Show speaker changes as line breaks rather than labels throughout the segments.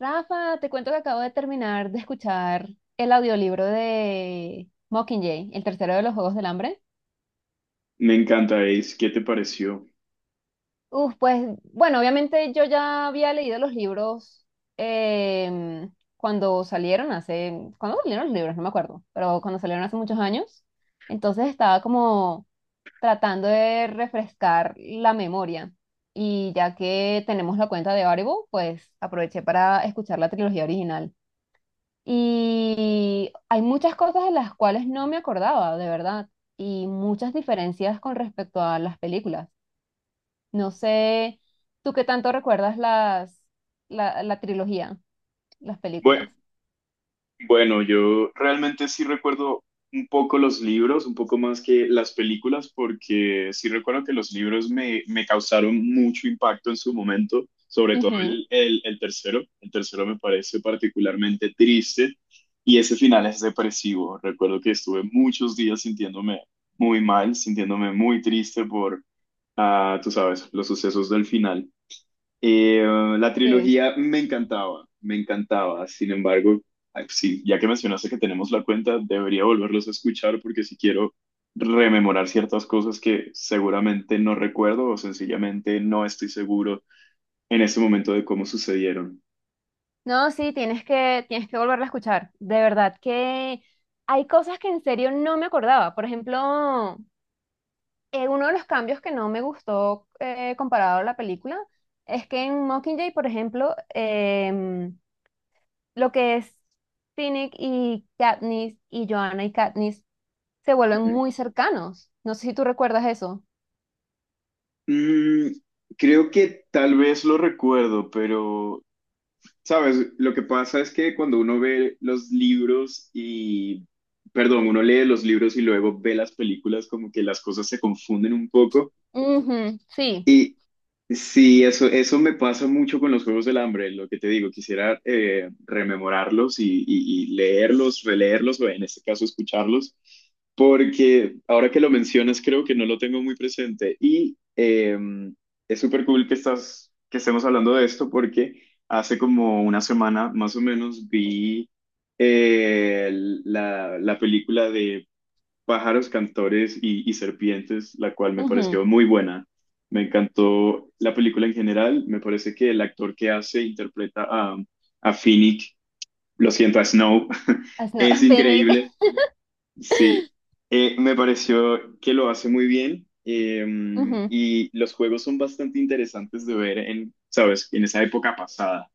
Rafa, te cuento que acabo de terminar de escuchar el audiolibro de Mockingjay, el tercero de los Juegos del Hambre.
Me encanta, Ace. ¿Qué te pareció?
Uf, pues bueno, obviamente yo ya había leído los libros em, cuando salieron hace, ¿cuándo salieron los libros? No me acuerdo, pero cuando salieron hace muchos años. Entonces estaba como tratando de refrescar la memoria. Y ya que tenemos la cuenta de Audible, pues aproveché para escuchar la trilogía original. Y hay muchas cosas de las cuales no me acordaba, de verdad, y muchas diferencias con respecto a las películas. No sé, ¿tú qué tanto recuerdas la, la trilogía, las
Bue-
películas?
Bueno, yo realmente sí recuerdo un poco los libros, un poco más que las películas, porque sí recuerdo que los libros me causaron mucho impacto en su momento, sobre todo
Ujú,
el tercero. El tercero me parece particularmente triste y ese final es depresivo. Recuerdo que estuve muchos días sintiéndome muy mal, sintiéndome muy triste por, ah, tú sabes, los sucesos del final. Eh, la
sí.
trilogía me encantaba, me encantaba. Sin embargo, ay, sí, ya que mencionaste que tenemos la cuenta, debería volverlos a escuchar porque si quiero rememorar ciertas cosas que seguramente no recuerdo o sencillamente no estoy seguro en ese momento de cómo sucedieron.
No, sí, tienes que volverla a escuchar. De verdad que hay cosas que en serio no me acordaba. Por ejemplo, uno de los cambios que no me gustó comparado a la película es que en Mockingjay, por ejemplo, lo que es Finnick y Katniss y Joanna y Katniss se vuelven
Ujú.
muy cercanos. No sé si tú recuerdas eso.
Mm, creo que tal vez lo recuerdo, pero sabes, lo que pasa es que cuando uno ve los libros y, perdón, uno lee los libros y luego ve las películas, como que las cosas se confunden un poco.
Ujú, sí.
Y sí, eso me pasa mucho con los Juegos del Hambre, lo que te digo, quisiera rememorarlos y, y leerlos, releerlos, o en este caso escucharlos, porque ahora que lo mencionas creo que no lo tengo muy presente y es súper cool que estemos hablando de esto porque hace como una semana más o menos vi eh, la película de Pájaros, Cantores y Serpientes, la cual me
Ujú.
pareció muy buena. Me encantó la película en general. Me parece que el actor que hace, interpreta a, a Finnick, a Snow,
As- no,
es
Finnick.
increíble. Sí, me pareció que lo hace muy bien. eh,
Ujú.
y los juegos son bastante interesantes de ver en, ¿sabes? En esa época pasada.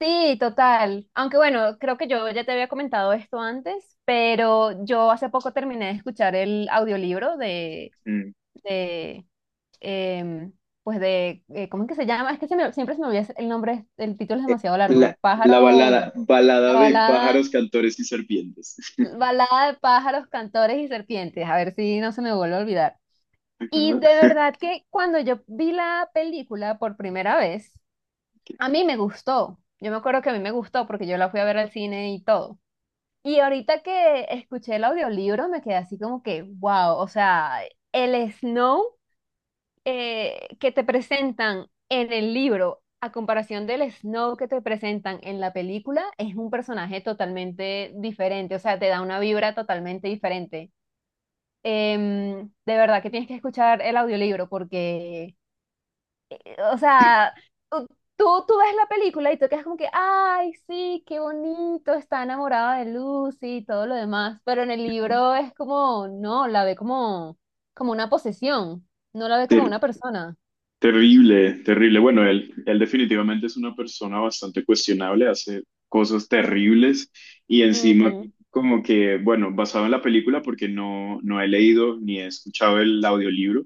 Sí, total. Aunque bueno, creo que yo ya te había comentado esto antes, pero yo hace poco terminé de escuchar el audiolibro
Mm.
de em, pues de, ¿cómo es que se llama? Es que se me- siempre se me olvida el nombre, el título es
Eh,
demasiado largo.
La, la balada,
Pájaro, la
balada de
balada.
pájaros, cantores y serpientes.
Balada de pájaros, cantores y serpientes, a ver si no se me vuelve a olvidar. Y de verdad que cuando yo vi la película por primera vez, a mí me gustó. Yo me acuerdo que a mí me gustó porque yo la fui a ver al cine y todo. Y ahorita que escuché el audiolibro me quedé así como que, wow, o sea, el Snow que te presentan en el libro a comparación del Snow que te presentan en la película es un personaje totalmente diferente, o sea, te da una vibra totalmente diferente. De verdad que tienes que escuchar el audiolibro porque, o sea, u- tú ves la película y tú quedas como que, ay, sí, qué bonito, está enamorada de Lucy y todo lo demás, pero en el libro es como, no, la ve como, como una posesión, no la ve como
Qué
una persona.
Terrible, terrible. Bueno, él definitivamente es una persona bastante cuestionable, hace cosas terribles y encima
Ujú,
como que, bueno, basado en la película porque no, no he leído ni he escuchado el audiolibro,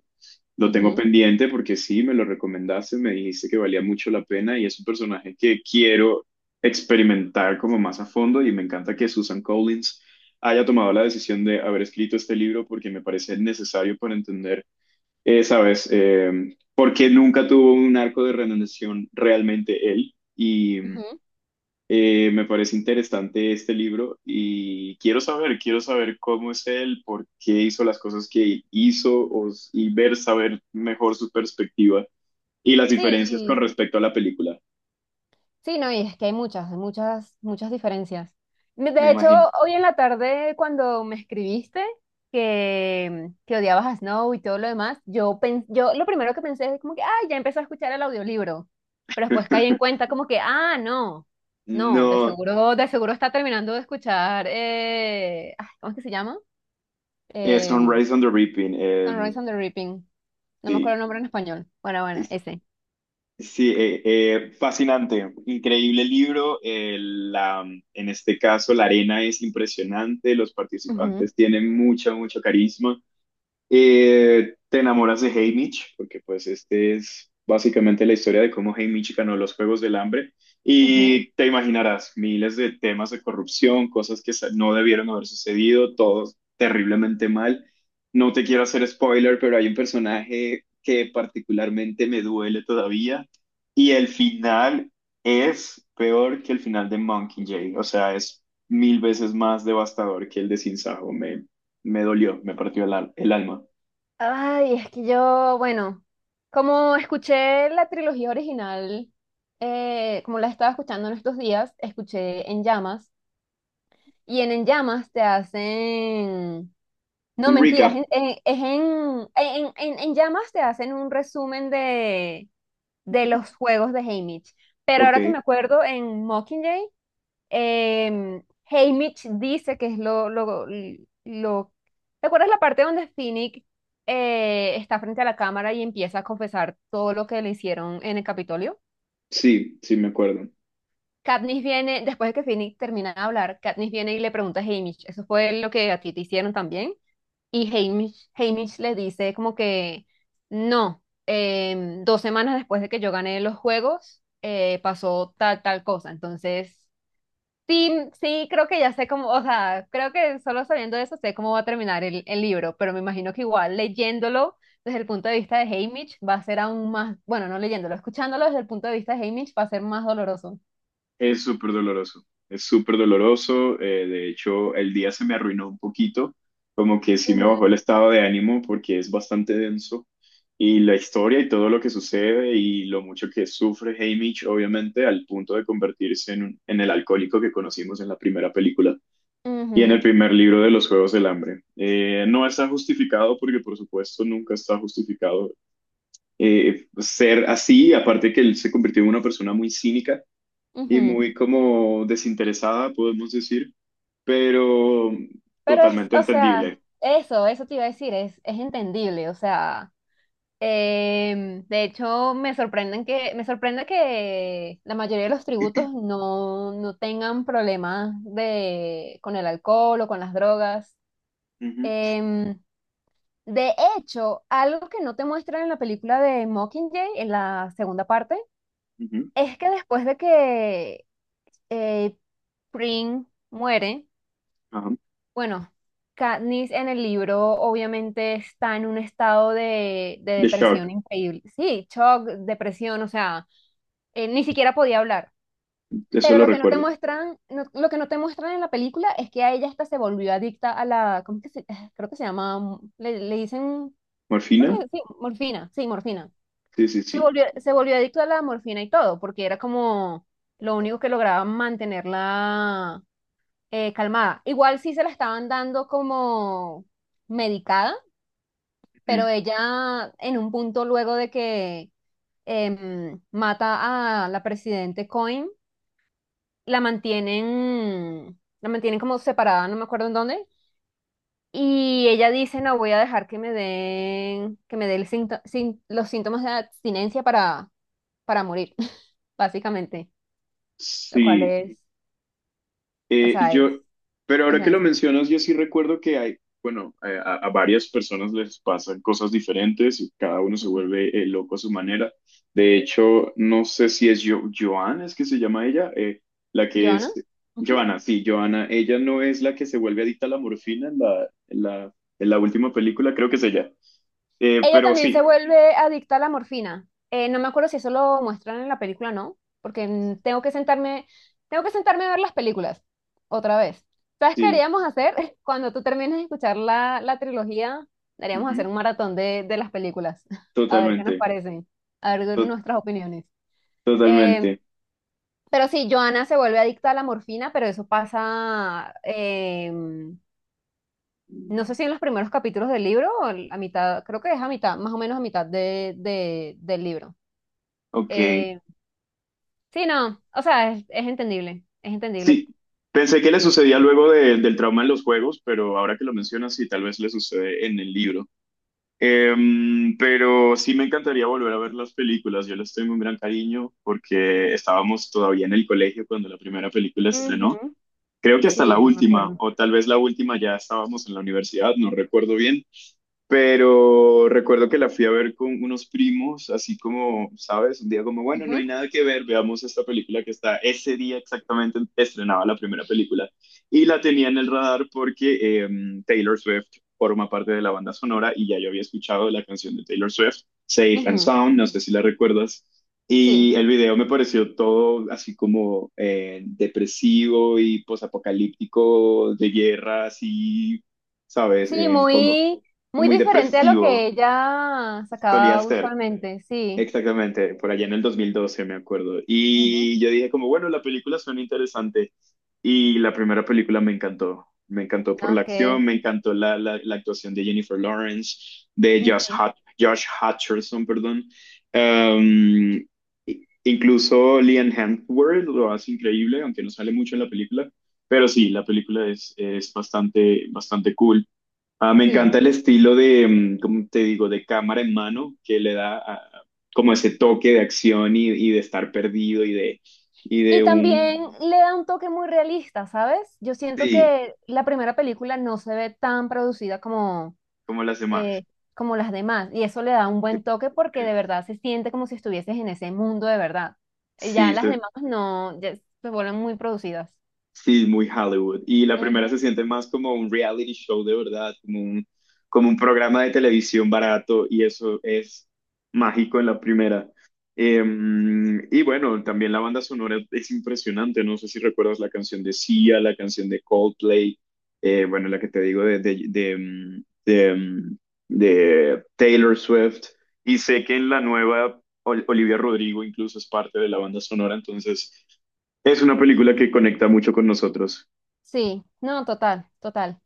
lo tengo
ujú,
pendiente porque sí, me lo recomendaste, me dijiste que valía mucho la pena y es un personaje que quiero experimentar como más a fondo y me encanta que Susan Collins haya tomado la decisión de haber escrito este libro porque me parece necesario para entender ¿sabes? Porque nunca tuvo un arco de redención realmente él. Y
ujú.
me parece interesante este libro y quiero saber cómo es él, por qué hizo las cosas que hizo y ver, saber mejor su perspectiva y las diferencias con
Sí,
respecto a la película,
sí, no, y es que hay muchas, muchas diferencias. Me-
me
De hecho,
imagino.
hoy en la tarde cuando me escribiste que odiabas a Snow y todo lo demás, yo, pen- yo lo primero que pensé es como que, ah, ya empecé a escuchar el audiolibro, pero después caí en cuenta como que, ah, no, no,
No,
de seguro está terminando de escuchar, ay, ¿cómo es que se llama?
es
Eh,
Sunrise on the Reaping,
Sunrise on the Reaping, no me acuerdo
sí.
el nombre en español. Bueno, bueno, ese.
Sí, fascinante, increíble libro. En este caso, la arena es impresionante, los
Ujú,
participantes tienen mucho carisma. Te enamoras de Haymitch, porque pues este es básicamente la historia de cómo Haymitch ganó los Juegos del Hambre
ujú.
y te imaginarás miles de temas de corrupción, cosas que no debieron haber sucedido, todo terriblemente mal. No te quiero hacer spoiler, pero hay un personaje que particularmente me duele todavía y el final es peor que el final de Monkey Jay, o sea, es mil veces más devastador que el de Sin Sajo. Me dolió, me partió el alma.
Ay, es que yo, bueno, como escuché la trilogía original, como la estaba escuchando en estos días, escuché En Llamas, y en Llamas te hacen, no,
Un
mentira,
recap,
es en Llamas te hacen un resumen de los juegos de Haymitch, pero ahora que
ok.
me acuerdo, en Mockingjay Em, Haymitch dice que es lo, lo... ¿Te acuerdas la parte donde Finnick está frente a la cámara y empieza a confesar todo lo que le hicieron en el Capitolio?
Sí, sí, me acuerdo.
Katniss viene, después de que Finnick termina de hablar, Katniss viene y le pregunta a Haymitch, ¿eso fue lo que a ti te hicieron también? Y Haymitch, Haymitch le dice como que no, dos semanas después de que yo gané los juegos, pasó tal, tal cosa. Entonces... sí, sí, creo que ya sé cómo, o sea, creo que solo sabiendo eso sé cómo va a terminar el libro, pero me imagino que igual leyéndolo desde el punto de vista de Haymitch va a ser aún más, bueno, no leyéndolo, escuchándolo desde el punto de vista de Haymitch va a ser más doloroso.
Es súper doloroso, es súper doloroso. De hecho, el día se me arruinó un poquito, como que sí me bajó
Ujú,
el estado de ánimo porque es bastante denso. Y la historia y todo lo que sucede y lo mucho que sufre Haymitch, obviamente, al punto de convertirse en el alcohólico que conocimos en la primera película y en el
ujú,
primer libro de los Juegos del Hambre. No está justificado porque, por supuesto, nunca está justificado ser así, aparte que él se convirtió en una persona muy cínica y
ujú.
muy como desinteresada, podemos decir, pero
Pero es,
totalmente
o sea,
entendible.
eso te iba a decir, es entendible, o sea. De hecho, me sorprenden que, me sorprende que la mayoría de los tributos no, no tengan problemas de, con el alcohol o con las drogas.
Ujú,
Em, de hecho, algo que no te muestran en la película de Mockingjay, en la segunda parte,
ujú,
es que después de que eh, Pring muere,
ajá.
bueno, Katniss en el libro obviamente está en un estado de
The
depresión
Shark,
increíble. Sí, shock, depresión, o sea, ni siquiera podía hablar.
eso
Pero
lo
lo que no te
recuerdo.
muestran, no- lo que no te muestran en la película es que a ella hasta se volvió adicta a la, ¿cómo que se, creo que se llama, mm, le dicen, creo
¿Morfina?
que sí, morfina, sí, morfina.
Sí, sí, sí.
Se volvió adicta a la morfina y todo, porque era como lo único que lograba mantenerla calmada. Igual sí se la estaban dando como medicada,
Ujú.
pero ella en un punto luego de que mata a la presidente Coin la mantienen como separada, no me acuerdo en dónde. Y ella dice, no, voy a dejar que me den, que me dé el sinto- sin- los síntomas de abstinencia para morir, básicamente. Lo cual
Sí.
es, o
Eh,
sea,
yo, pero
es
ahora que lo
densa.
mencionas, yo sí recuerdo que hay, bueno, a varias personas les pasan cosas diferentes y cada uno se vuelve loco a su manera. De hecho, no sé si es yo, Joana, es que se llama ella, la que
¿Joana?
es, Joana, sí, Joana, ella no es la que se vuelve adicta a la morfina en la última película, creo que es ella. Eh,
Ella
pero
también se
sí,
vuelve adicta a la morfina. No me acuerdo si eso lo muestran en la película o no, porque mm, tengo que sentarme a ver las películas otra vez. ¿Sabes qué
sí,
haríamos hacer? Cuando tú termines de escuchar la, la trilogía, haríamos hacer
ujú,
un maratón de las películas, a ver qué nos
totalmente,
parecen, a ver
to-
nuestras opiniones. Eh,
totalmente.
pero sí, Joana se vuelve adicta a la morfina, pero eso pasa, no sé si en los primeros capítulos del libro o el- a mitad, creo que es a mitad, más o menos a mitad de- del libro.
Ok.
Eh, sí, no, o sea, es entendible, es entendible.
Sí, pensé que le sucedía luego del trauma en los juegos, pero ahora que lo mencionas, sí, tal vez le sucede en el libro. Pero sí me encantaría volver a ver las películas. Yo les tengo un gran cariño porque estábamos todavía en el colegio cuando la primera película estrenó.
Ujú,
Creo que hasta la
sí, yo me
última,
acuerdo.
o tal vez la última ya estábamos en la universidad, no recuerdo bien, pero recuerdo que la fui a ver con unos primos, así como, ¿sabes? Un día como, bueno, no hay
Ujú,
nada que ver, veamos esta película que está ese día exactamente estrenaba la primera película. Y la tenía en el radar porque Taylor Swift forma parte de la banda sonora y ya yo había escuchado la canción de Taylor Swift, Safe and
ujú,
Sound, no sé si la recuerdas.
sí,
Y el video me pareció todo así como depresivo y posapocalíptico, de guerra, así ¿sabes?
sí,
Como
muy, muy
muy
diferente a lo
depresivo,
que ella
solía
sacaba
ser.
usualmente, sí.
Exactamente, por allá en el 2012 me acuerdo.
Ujú,
Y yo dije como, bueno, la película suena interesante. Y la primera película me encantó. Me encantó
no,
por la
es que
acción,
es,
me encantó la actuación de Jennifer Lawrence, de Josh,
ujú,
Hut- Josh Hutcherson, perdón. Um, incluso Liam Hemsworth lo hace increíble, aunque no sale mucho en la película. Pero sí, la película es bastante, bastante cool. Ah, me
sí.
encanta el estilo de, ¿cómo te digo?, de cámara en mano, que le da como ese toque de acción y de estar perdido y de, y
Y
de un...
también le da un toque muy realista, ¿sabes? Yo siento
Sí,
que la primera película no se ve tan producida,
como las demás.
eh, como las demás. Y eso le da un
Eh,
buen toque porque
eh,
de verdad se siente como si estuvieses en ese mundo de verdad.
Sí,
Ya las demás no, ya se vuelven muy producidas.
Sí, muy Hollywood. Y la primera
Ujú.
se siente más como un reality show de verdad, como un programa de televisión barato y eso es mágico en la primera. Eh, y bueno, también la banda sonora es impresionante. No sé si recuerdas la canción de Sia, la canción de Coldplay, bueno, la que te digo de Taylor Swift. Y sé que en la nueva Olivia Rodrigo incluso es parte de la banda sonora, entonces... Es una película que conecta mucho con nosotros.
Sí, no, total, total.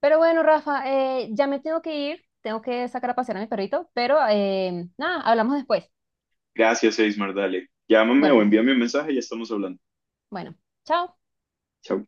Pero bueno, Rafa, ya me tengo que ir, tengo que sacar a pasear a mi perrito, pero nada, hablamos después.
Gracias, Eismar, dale. Llámame o
Bueno,
envíame un mensaje y ya estamos hablando.
bueno, chao.
Chao.